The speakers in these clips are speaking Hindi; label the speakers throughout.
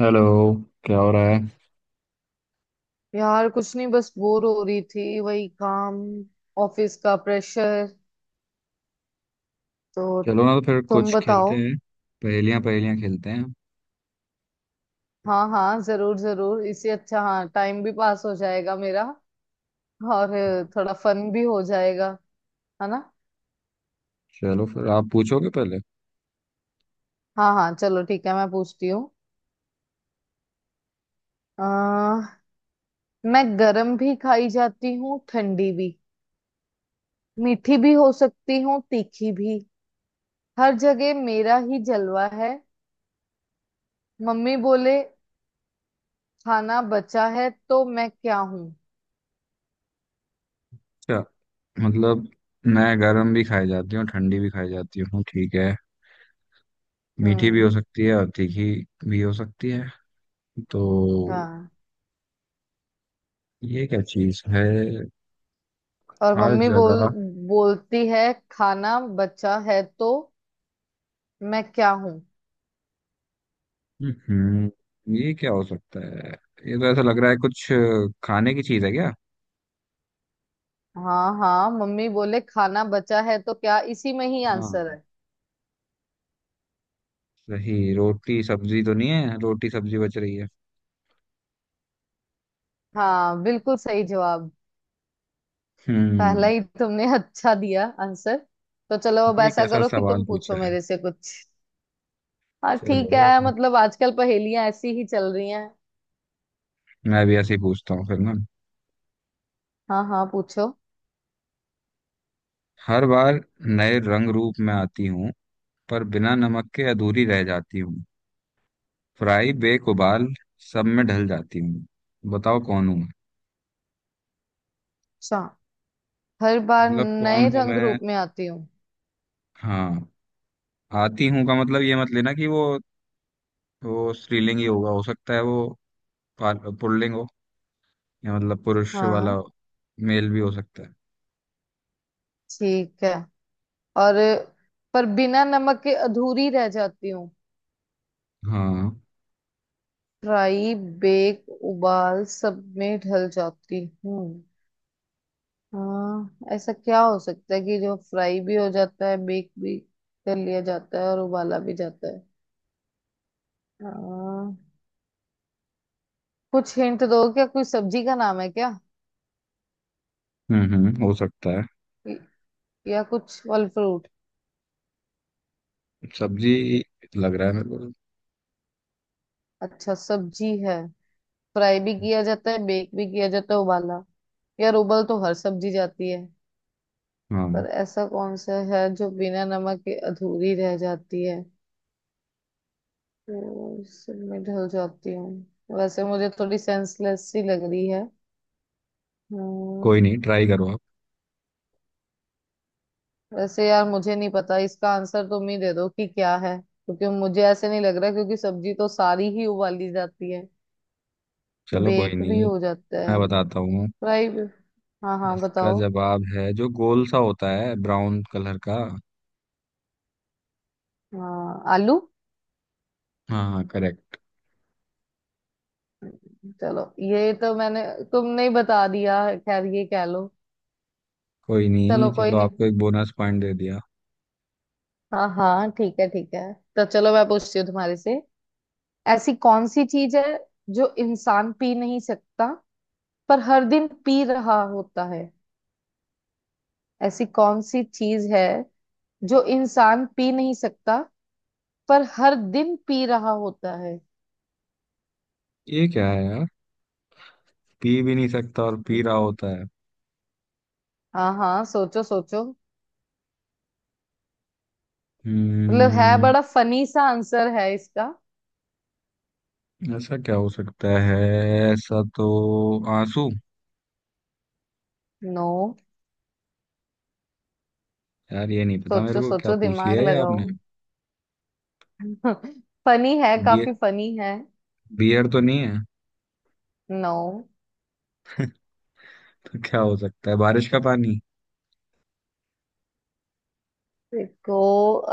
Speaker 1: हेलो। क्या हो रहा है।
Speaker 2: यार कुछ नहीं, बस बोर हो रही थी। वही काम, ऑफिस का प्रेशर। तो
Speaker 1: चलो ना तो फिर
Speaker 2: तुम
Speaker 1: कुछ
Speaker 2: बताओ।
Speaker 1: खेलते हैं। पहेलियां पहेलियां खेलते हैं।
Speaker 2: हाँ हाँ, जरूर जरूर, इससे अच्छा। हाँ, टाइम भी पास हो जाएगा मेरा, और थोड़ा फन भी हो जाएगा, है ना।
Speaker 1: चलो फिर आप पूछोगे पहले।
Speaker 2: हाँ हाँ चलो ठीक है, मैं पूछती हूँ। अह, मैं गरम भी खाई जाती हूँ, ठंडी भी। मीठी भी हो सकती हूँ, तीखी भी। हर जगह मेरा ही जलवा है। मम्मी बोले खाना बचा है, तो मैं क्या हूँ?
Speaker 1: अच्छा, मतलब मैं गर्म भी खाई जाती हूँ, ठंडी भी खाई जाती हूँ, ठीक है। मीठी भी हो
Speaker 2: हम्म।
Speaker 1: सकती है और तीखी भी हो सकती है। तो
Speaker 2: हाँ,
Speaker 1: ये क्या चीज़ है।
Speaker 2: और
Speaker 1: हर
Speaker 2: मम्मी बोल
Speaker 1: जगह।
Speaker 2: बोलती है खाना बचा है, तो मैं क्या हूँ?
Speaker 1: हम्म। ये क्या हो सकता है। ये तो ऐसा लग रहा है कुछ खाने की चीज़ है क्या।
Speaker 2: हाँ हाँ, मम्मी बोले खाना बचा है, तो क्या इसी में ही
Speaker 1: हाँ,
Speaker 2: आंसर है?
Speaker 1: सही। रोटी सब्जी तो नहीं है, रोटी सब्जी बच रही है।
Speaker 2: हाँ, बिल्कुल सही जवाब। पहला
Speaker 1: हम्म।
Speaker 2: ही तुमने अच्छा दिया आंसर। तो चलो, अब
Speaker 1: ये
Speaker 2: ऐसा
Speaker 1: कैसा
Speaker 2: करो कि
Speaker 1: सवाल
Speaker 2: तुम पूछो
Speaker 1: पूछा है।
Speaker 2: मेरे से कुछ। हाँ ठीक
Speaker 1: चलो
Speaker 2: है,
Speaker 1: ठीक।
Speaker 2: मतलब आजकल पहेलियां ऐसी ही चल रही हैं।
Speaker 1: मैं भी ऐसे ही पूछता हूँ फिर ना।
Speaker 2: हाँ हाँ, पूछो।
Speaker 1: हर बार नए रंग रूप में आती हूँ, पर बिना नमक के अधूरी रह जाती हूँ। फ्राई, बेक, उबाल, सब में ढल जाती हूँ। बताओ कौन हूँ मैं।
Speaker 2: अच्छा, हर बार
Speaker 1: मतलब,
Speaker 2: नए
Speaker 1: कौन हूँ
Speaker 2: रंग
Speaker 1: मैं।
Speaker 2: रूप में आती हूँ।
Speaker 1: हाँ, आती हूँ का मतलब ये मत लेना कि वो स्त्रीलिंग ही होगा। हो सकता है वो पुल्लिंग हो, या मतलब पुरुष वाला।
Speaker 2: हाँ
Speaker 1: मेल भी हो सकता है।
Speaker 2: ठीक है। और पर बिना नमक के अधूरी रह जाती हूँ,
Speaker 1: हाँ।
Speaker 2: फ्राई बेक उबाल सब में ढल जाती हूँ। हाँ, ऐसा क्या हो सकता है कि जो फ्राई भी हो जाता है, बेक भी कर लिया जाता है और उबाला भी जाता है। हाँ, कुछ हिंट दो, क्या कोई सब्जी का नाम है क्या?
Speaker 1: हम्म, हो सकता है।
Speaker 2: य- या कुछ फल फ्रूट?
Speaker 1: सब्जी लग रहा है मेरे को।
Speaker 2: अच्छा सब्जी है, फ्राई भी किया जाता है, बेक भी किया जाता है, उबाला। यार उबल तो हर सब्जी जाती है,
Speaker 1: हाँ।
Speaker 2: पर ऐसा कौन सा है जो बिना नमक के अधूरी रह जाती है। तो इससे मैं ढल जाती हूँ, वैसे मुझे थोड़ी सेंसलेस सी लग रही है। हम्म।
Speaker 1: कोई नहीं, ट्राई करो आप।
Speaker 2: वैसे यार मुझे नहीं पता इसका आंसर, तुम ही दे दो कि क्या है, क्योंकि मुझे ऐसे नहीं लग रहा, क्योंकि सब्जी तो सारी ही उबाली जाती है,
Speaker 1: चलो कोई
Speaker 2: बेक भी
Speaker 1: नहीं,
Speaker 2: हो जाता है,
Speaker 1: मैं बताता हूँ।
Speaker 2: फ्राई भी। हाँ हाँ,
Speaker 1: इसका
Speaker 2: बताओ।
Speaker 1: जवाब है जो गोल सा होता है, ब्राउन कलर का।
Speaker 2: हाँ आलू।
Speaker 1: हाँ हाँ, करेक्ट।
Speaker 2: चलो, ये तो मैंने तुमने ही बता दिया, खैर ये कह लो।
Speaker 1: कोई नहीं,
Speaker 2: चलो कोई
Speaker 1: चलो
Speaker 2: नहीं।
Speaker 1: आपको एक बोनस पॉइंट दे दिया।
Speaker 2: हाँ हाँ ठीक है ठीक है। तो चलो मैं पूछती हूँ तुम्हारे से, ऐसी कौन सी चीज है जो इंसान पी नहीं सकता, पर हर दिन पी रहा होता है। ऐसी कौन सी चीज है जो इंसान पी नहीं सकता, पर हर दिन पी रहा होता है।
Speaker 1: ये क्या है यार। पी भी नहीं सकता और पी रहा होता है।
Speaker 2: हाँ हाँ, सोचो सोचो। मतलब है,
Speaker 1: हम्म।
Speaker 2: बड़ा फनी सा आंसर है इसका।
Speaker 1: ऐसा क्या हो सकता है। ऐसा तो। आंसू।
Speaker 2: नो।
Speaker 1: यार, ये नहीं पता मेरे
Speaker 2: सोचो
Speaker 1: को। क्या
Speaker 2: सोचो,
Speaker 1: पूछ लिया
Speaker 2: दिमाग
Speaker 1: है ये
Speaker 2: लगाओ।
Speaker 1: आपने।
Speaker 2: फनी है, काफी
Speaker 1: बियर।
Speaker 2: फनी है।
Speaker 1: बियर तो नहीं है।
Speaker 2: नो।
Speaker 1: तो क्या हो सकता है, बारिश का पानी।
Speaker 2: देखो,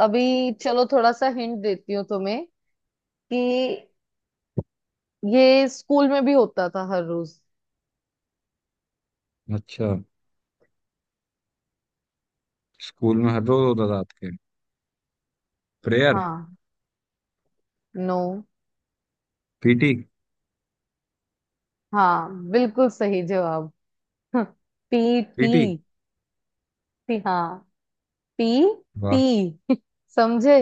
Speaker 2: अभी चलो थोड़ा सा हिंट देती हूँ तुम्हें, कि ये स्कूल में भी होता था हर रोज।
Speaker 1: अच्छा, स्कूल में हर रोज होता था आपके। प्रेयर।
Speaker 2: हाँ। नो।
Speaker 1: पीटी।
Speaker 2: हाँ, बिल्कुल सही जवाब। P
Speaker 1: BT.
Speaker 2: टी, टी हाँ, पी
Speaker 1: वाह।
Speaker 2: टी। समझे?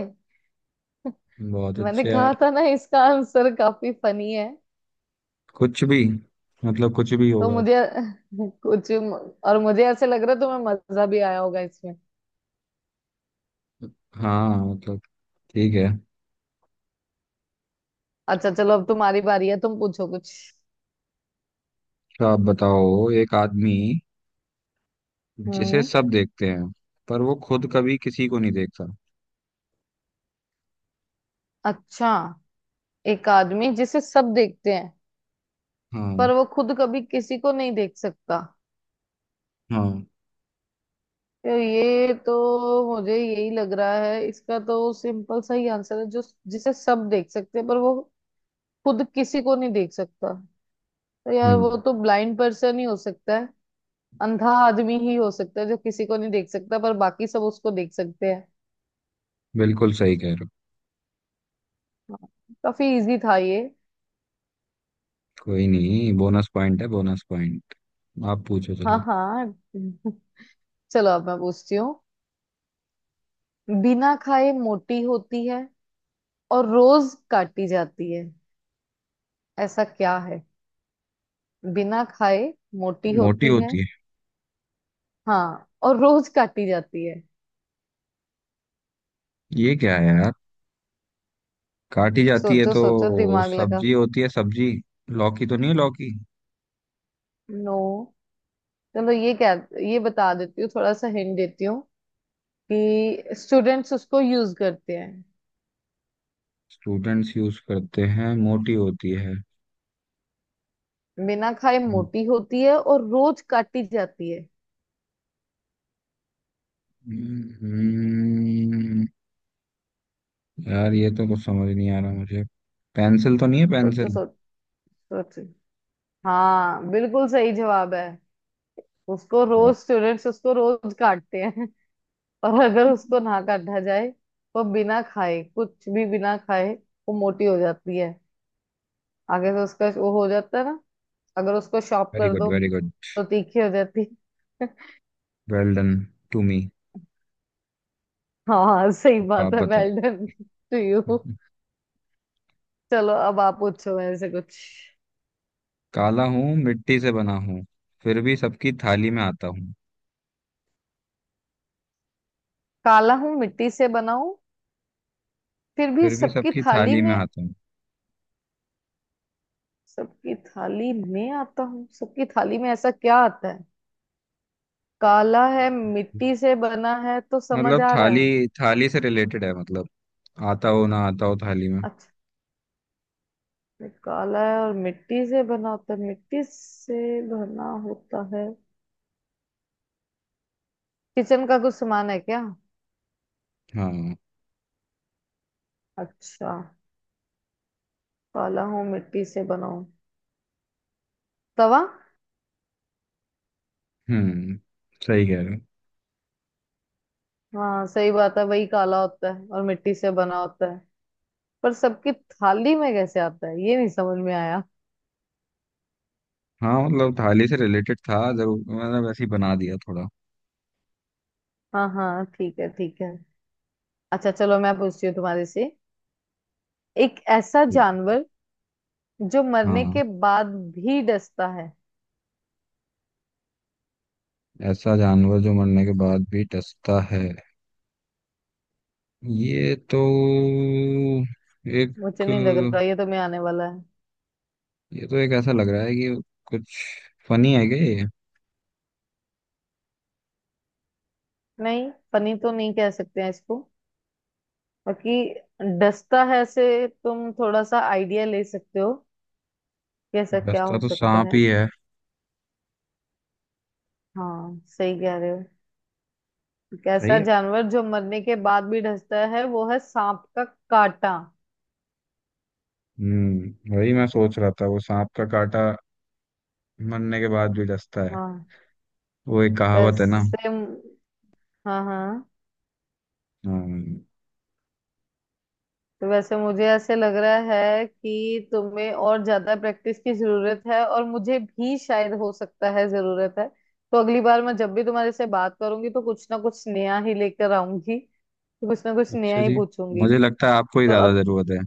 Speaker 1: बहुत
Speaker 2: मैंने
Speaker 1: अच्छे
Speaker 2: कहा
Speaker 1: यार।
Speaker 2: था ना, इसका आंसर काफी फनी है।
Speaker 1: कुछ भी, मतलब कुछ भी
Speaker 2: तो
Speaker 1: होगा।
Speaker 2: मुझे कुछ और मुझे ऐसे लग रहा है तुम्हें मजा भी आया होगा इसमें।
Speaker 1: हाँ, मतलब ठीक है।
Speaker 2: अच्छा चलो, अब तुम्हारी बारी है, तुम पूछो कुछ।
Speaker 1: तो आप बताओ, एक आदमी जिसे
Speaker 2: हम्म।
Speaker 1: सब देखते हैं, पर वो खुद कभी किसी को नहीं देखता।
Speaker 2: अच्छा, एक आदमी जिसे सब देखते हैं,
Speaker 1: हाँ।
Speaker 2: पर वो खुद कभी किसी को नहीं देख सकता।
Speaker 1: हाँ।
Speaker 2: तो ये तो, मुझे यही लग रहा है, इसका तो सिंपल सा ही आंसर है जो। जिसे सब देख सकते हैं, पर वो खुद किसी को नहीं देख सकता, तो यार वो
Speaker 1: हम्म।
Speaker 2: तो ब्लाइंड पर्सन ही हो सकता है। अंधा आदमी ही हो सकता है, जो किसी को नहीं देख सकता, पर बाकी सब उसको देख सकते हैं।
Speaker 1: बिल्कुल सही कह रहे हो।
Speaker 2: हाँ, काफी इजी था ये।
Speaker 1: कोई नहीं, बोनस पॉइंट है, बोनस पॉइंट। आप पूछो,
Speaker 2: हाँ
Speaker 1: चलो।
Speaker 2: हाँ, चलो अब मैं पूछती हूँ। बिना खाए मोटी होती है, और रोज काटी जाती है, ऐसा क्या है। बिना खाए मोटी
Speaker 1: मोटी
Speaker 2: होती है।
Speaker 1: होती है।
Speaker 2: हाँ, और रोज काटी जाती है।
Speaker 1: ये क्या है यार। काटी जाती है
Speaker 2: सोचो सोचो,
Speaker 1: तो
Speaker 2: दिमाग लगा।
Speaker 1: सब्जी होती है, सब्जी। लौकी तो नहीं है, लौकी।
Speaker 2: नो। चलो ये क्या, ये बता देती हूँ, थोड़ा सा हिंट देती हूँ कि स्टूडेंट्स उसको यूज करते हैं।
Speaker 1: स्टूडेंट्स यूज करते हैं, मोटी होती
Speaker 2: बिना खाए
Speaker 1: है।
Speaker 2: मोटी होती है और रोज काटी जाती है।
Speaker 1: हम्म, यार ये तो कुछ समझ नहीं आ रहा मुझे। पेंसिल तो नहीं है,
Speaker 2: सोचो
Speaker 1: पेंसिल।
Speaker 2: सोचो सोचो। हाँ, बिल्कुल सही जवाब है। उसको
Speaker 1: वाह।
Speaker 2: रोज स्टूडेंट्स उसको रोज काटते हैं। और अगर उसको ना काटा जाए, वो बिना खाए, कुछ भी बिना खाए वो मोटी हो जाती है। आगे से उसका वो हो जाता है ना, अगर उसको शॉप
Speaker 1: वेरी
Speaker 2: कर
Speaker 1: गुड,
Speaker 2: दो
Speaker 1: वेरी गुड।
Speaker 2: तो तीखी हो जाती है।
Speaker 1: वेल डन टू मी।
Speaker 2: हाँ सही
Speaker 1: आप
Speaker 2: बात है,
Speaker 1: बताओ।
Speaker 2: Well done to you. चलो अब आप पूछो मेरे से कुछ।
Speaker 1: काला हूँ, मिट्टी से बना हूँ, फिर भी सबकी थाली में आता हूँ।
Speaker 2: काला हूं मिट्टी से बना हूं, फिर भी
Speaker 1: फिर भी
Speaker 2: सबकी
Speaker 1: सबकी
Speaker 2: थाली
Speaker 1: थाली में
Speaker 2: में,
Speaker 1: आता हूँ।
Speaker 2: सबकी थाली में आता हूँ। सबकी थाली में ऐसा क्या आता है? काला है, मिट्टी से बना है, तो समझ
Speaker 1: मतलब,
Speaker 2: आ रहा
Speaker 1: थाली।
Speaker 2: है।
Speaker 1: थाली से रिलेटेड है मतलब। आता हो, ना आता हो थाली में।
Speaker 2: अच्छा, काला है और मिट्टी से बना होता है, मिट्टी से बना होता है। किचन का कुछ सामान है क्या?
Speaker 1: हाँ।
Speaker 2: अच्छा, काला हूँ मिट्टी से बना हूँ, तवा।
Speaker 1: हम्म, सही कह रहे हो।
Speaker 2: हाँ सही बात है, वही काला होता है और मिट्टी से बना होता है। पर सबकी थाली में कैसे आता है, ये नहीं समझ में आया।
Speaker 1: हाँ, मतलब थाली से रिलेटेड था जरूर। मैंने वैसे ही बना दिया थोड़ा।
Speaker 2: हाँ हाँ ठीक है ठीक है। अच्छा चलो मैं पूछती हूँ तुम्हारे से, एक ऐसा जानवर जो मरने
Speaker 1: हाँ।
Speaker 2: के बाद भी डसता है।
Speaker 1: ऐसा जानवर जो मरने के बाद भी डसता है। ये तो एक।
Speaker 2: मुझे नहीं लग रहा ये, तो मैं आने वाला है।
Speaker 1: ऐसा लग रहा है कि कुछ फनी है क्या ये।
Speaker 2: नहीं, पनी तो नहीं कह सकते हैं इसको, बाकी डसता है से तुम थोड़ा सा आइडिया ले सकते हो, कैसा क्या
Speaker 1: डसता
Speaker 2: हो
Speaker 1: तो
Speaker 2: सकता
Speaker 1: सांप
Speaker 2: है।
Speaker 1: ही है।
Speaker 2: हाँ सही कह रहे हो,
Speaker 1: सही
Speaker 2: कैसा
Speaker 1: है।
Speaker 2: जानवर जो मरने के बाद भी डसता है, वो है सांप का कांटा।
Speaker 1: हम्म, वही मैं सोच रहा था। वो सांप का काटा मरने के बाद भी डसता है।
Speaker 2: हाँ,
Speaker 1: वो एक कहावत है ना।
Speaker 2: वैसे हाँ। हाँ।
Speaker 1: हाँ।
Speaker 2: तो वैसे मुझे ऐसे लग रहा है कि तुम्हें और ज्यादा प्रैक्टिस की जरूरत है, और मुझे भी शायद हो सकता है जरूरत है। तो अगली बार मैं जब भी तुम्हारे से बात करूंगी, तो कुछ ना कुछ नया ही लेकर आऊंगी, तो कुछ ना कुछ नया
Speaker 1: अच्छा
Speaker 2: ही
Speaker 1: जी,
Speaker 2: पूछूंगी।
Speaker 1: मुझे लगता है आपको ही
Speaker 2: तो
Speaker 1: ज्यादा
Speaker 2: अब
Speaker 1: जरूरत है।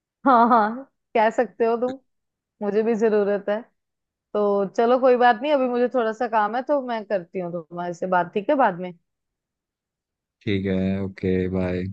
Speaker 2: हाँ हाँ, कह सकते हो तुम, मुझे भी जरूरत है। तो चलो कोई बात नहीं, अभी मुझे थोड़ा सा काम है, तो मैं करती हूँ तुम्हारे से बात, ठीक है बाद में।
Speaker 1: ठीक है। Okay, bye.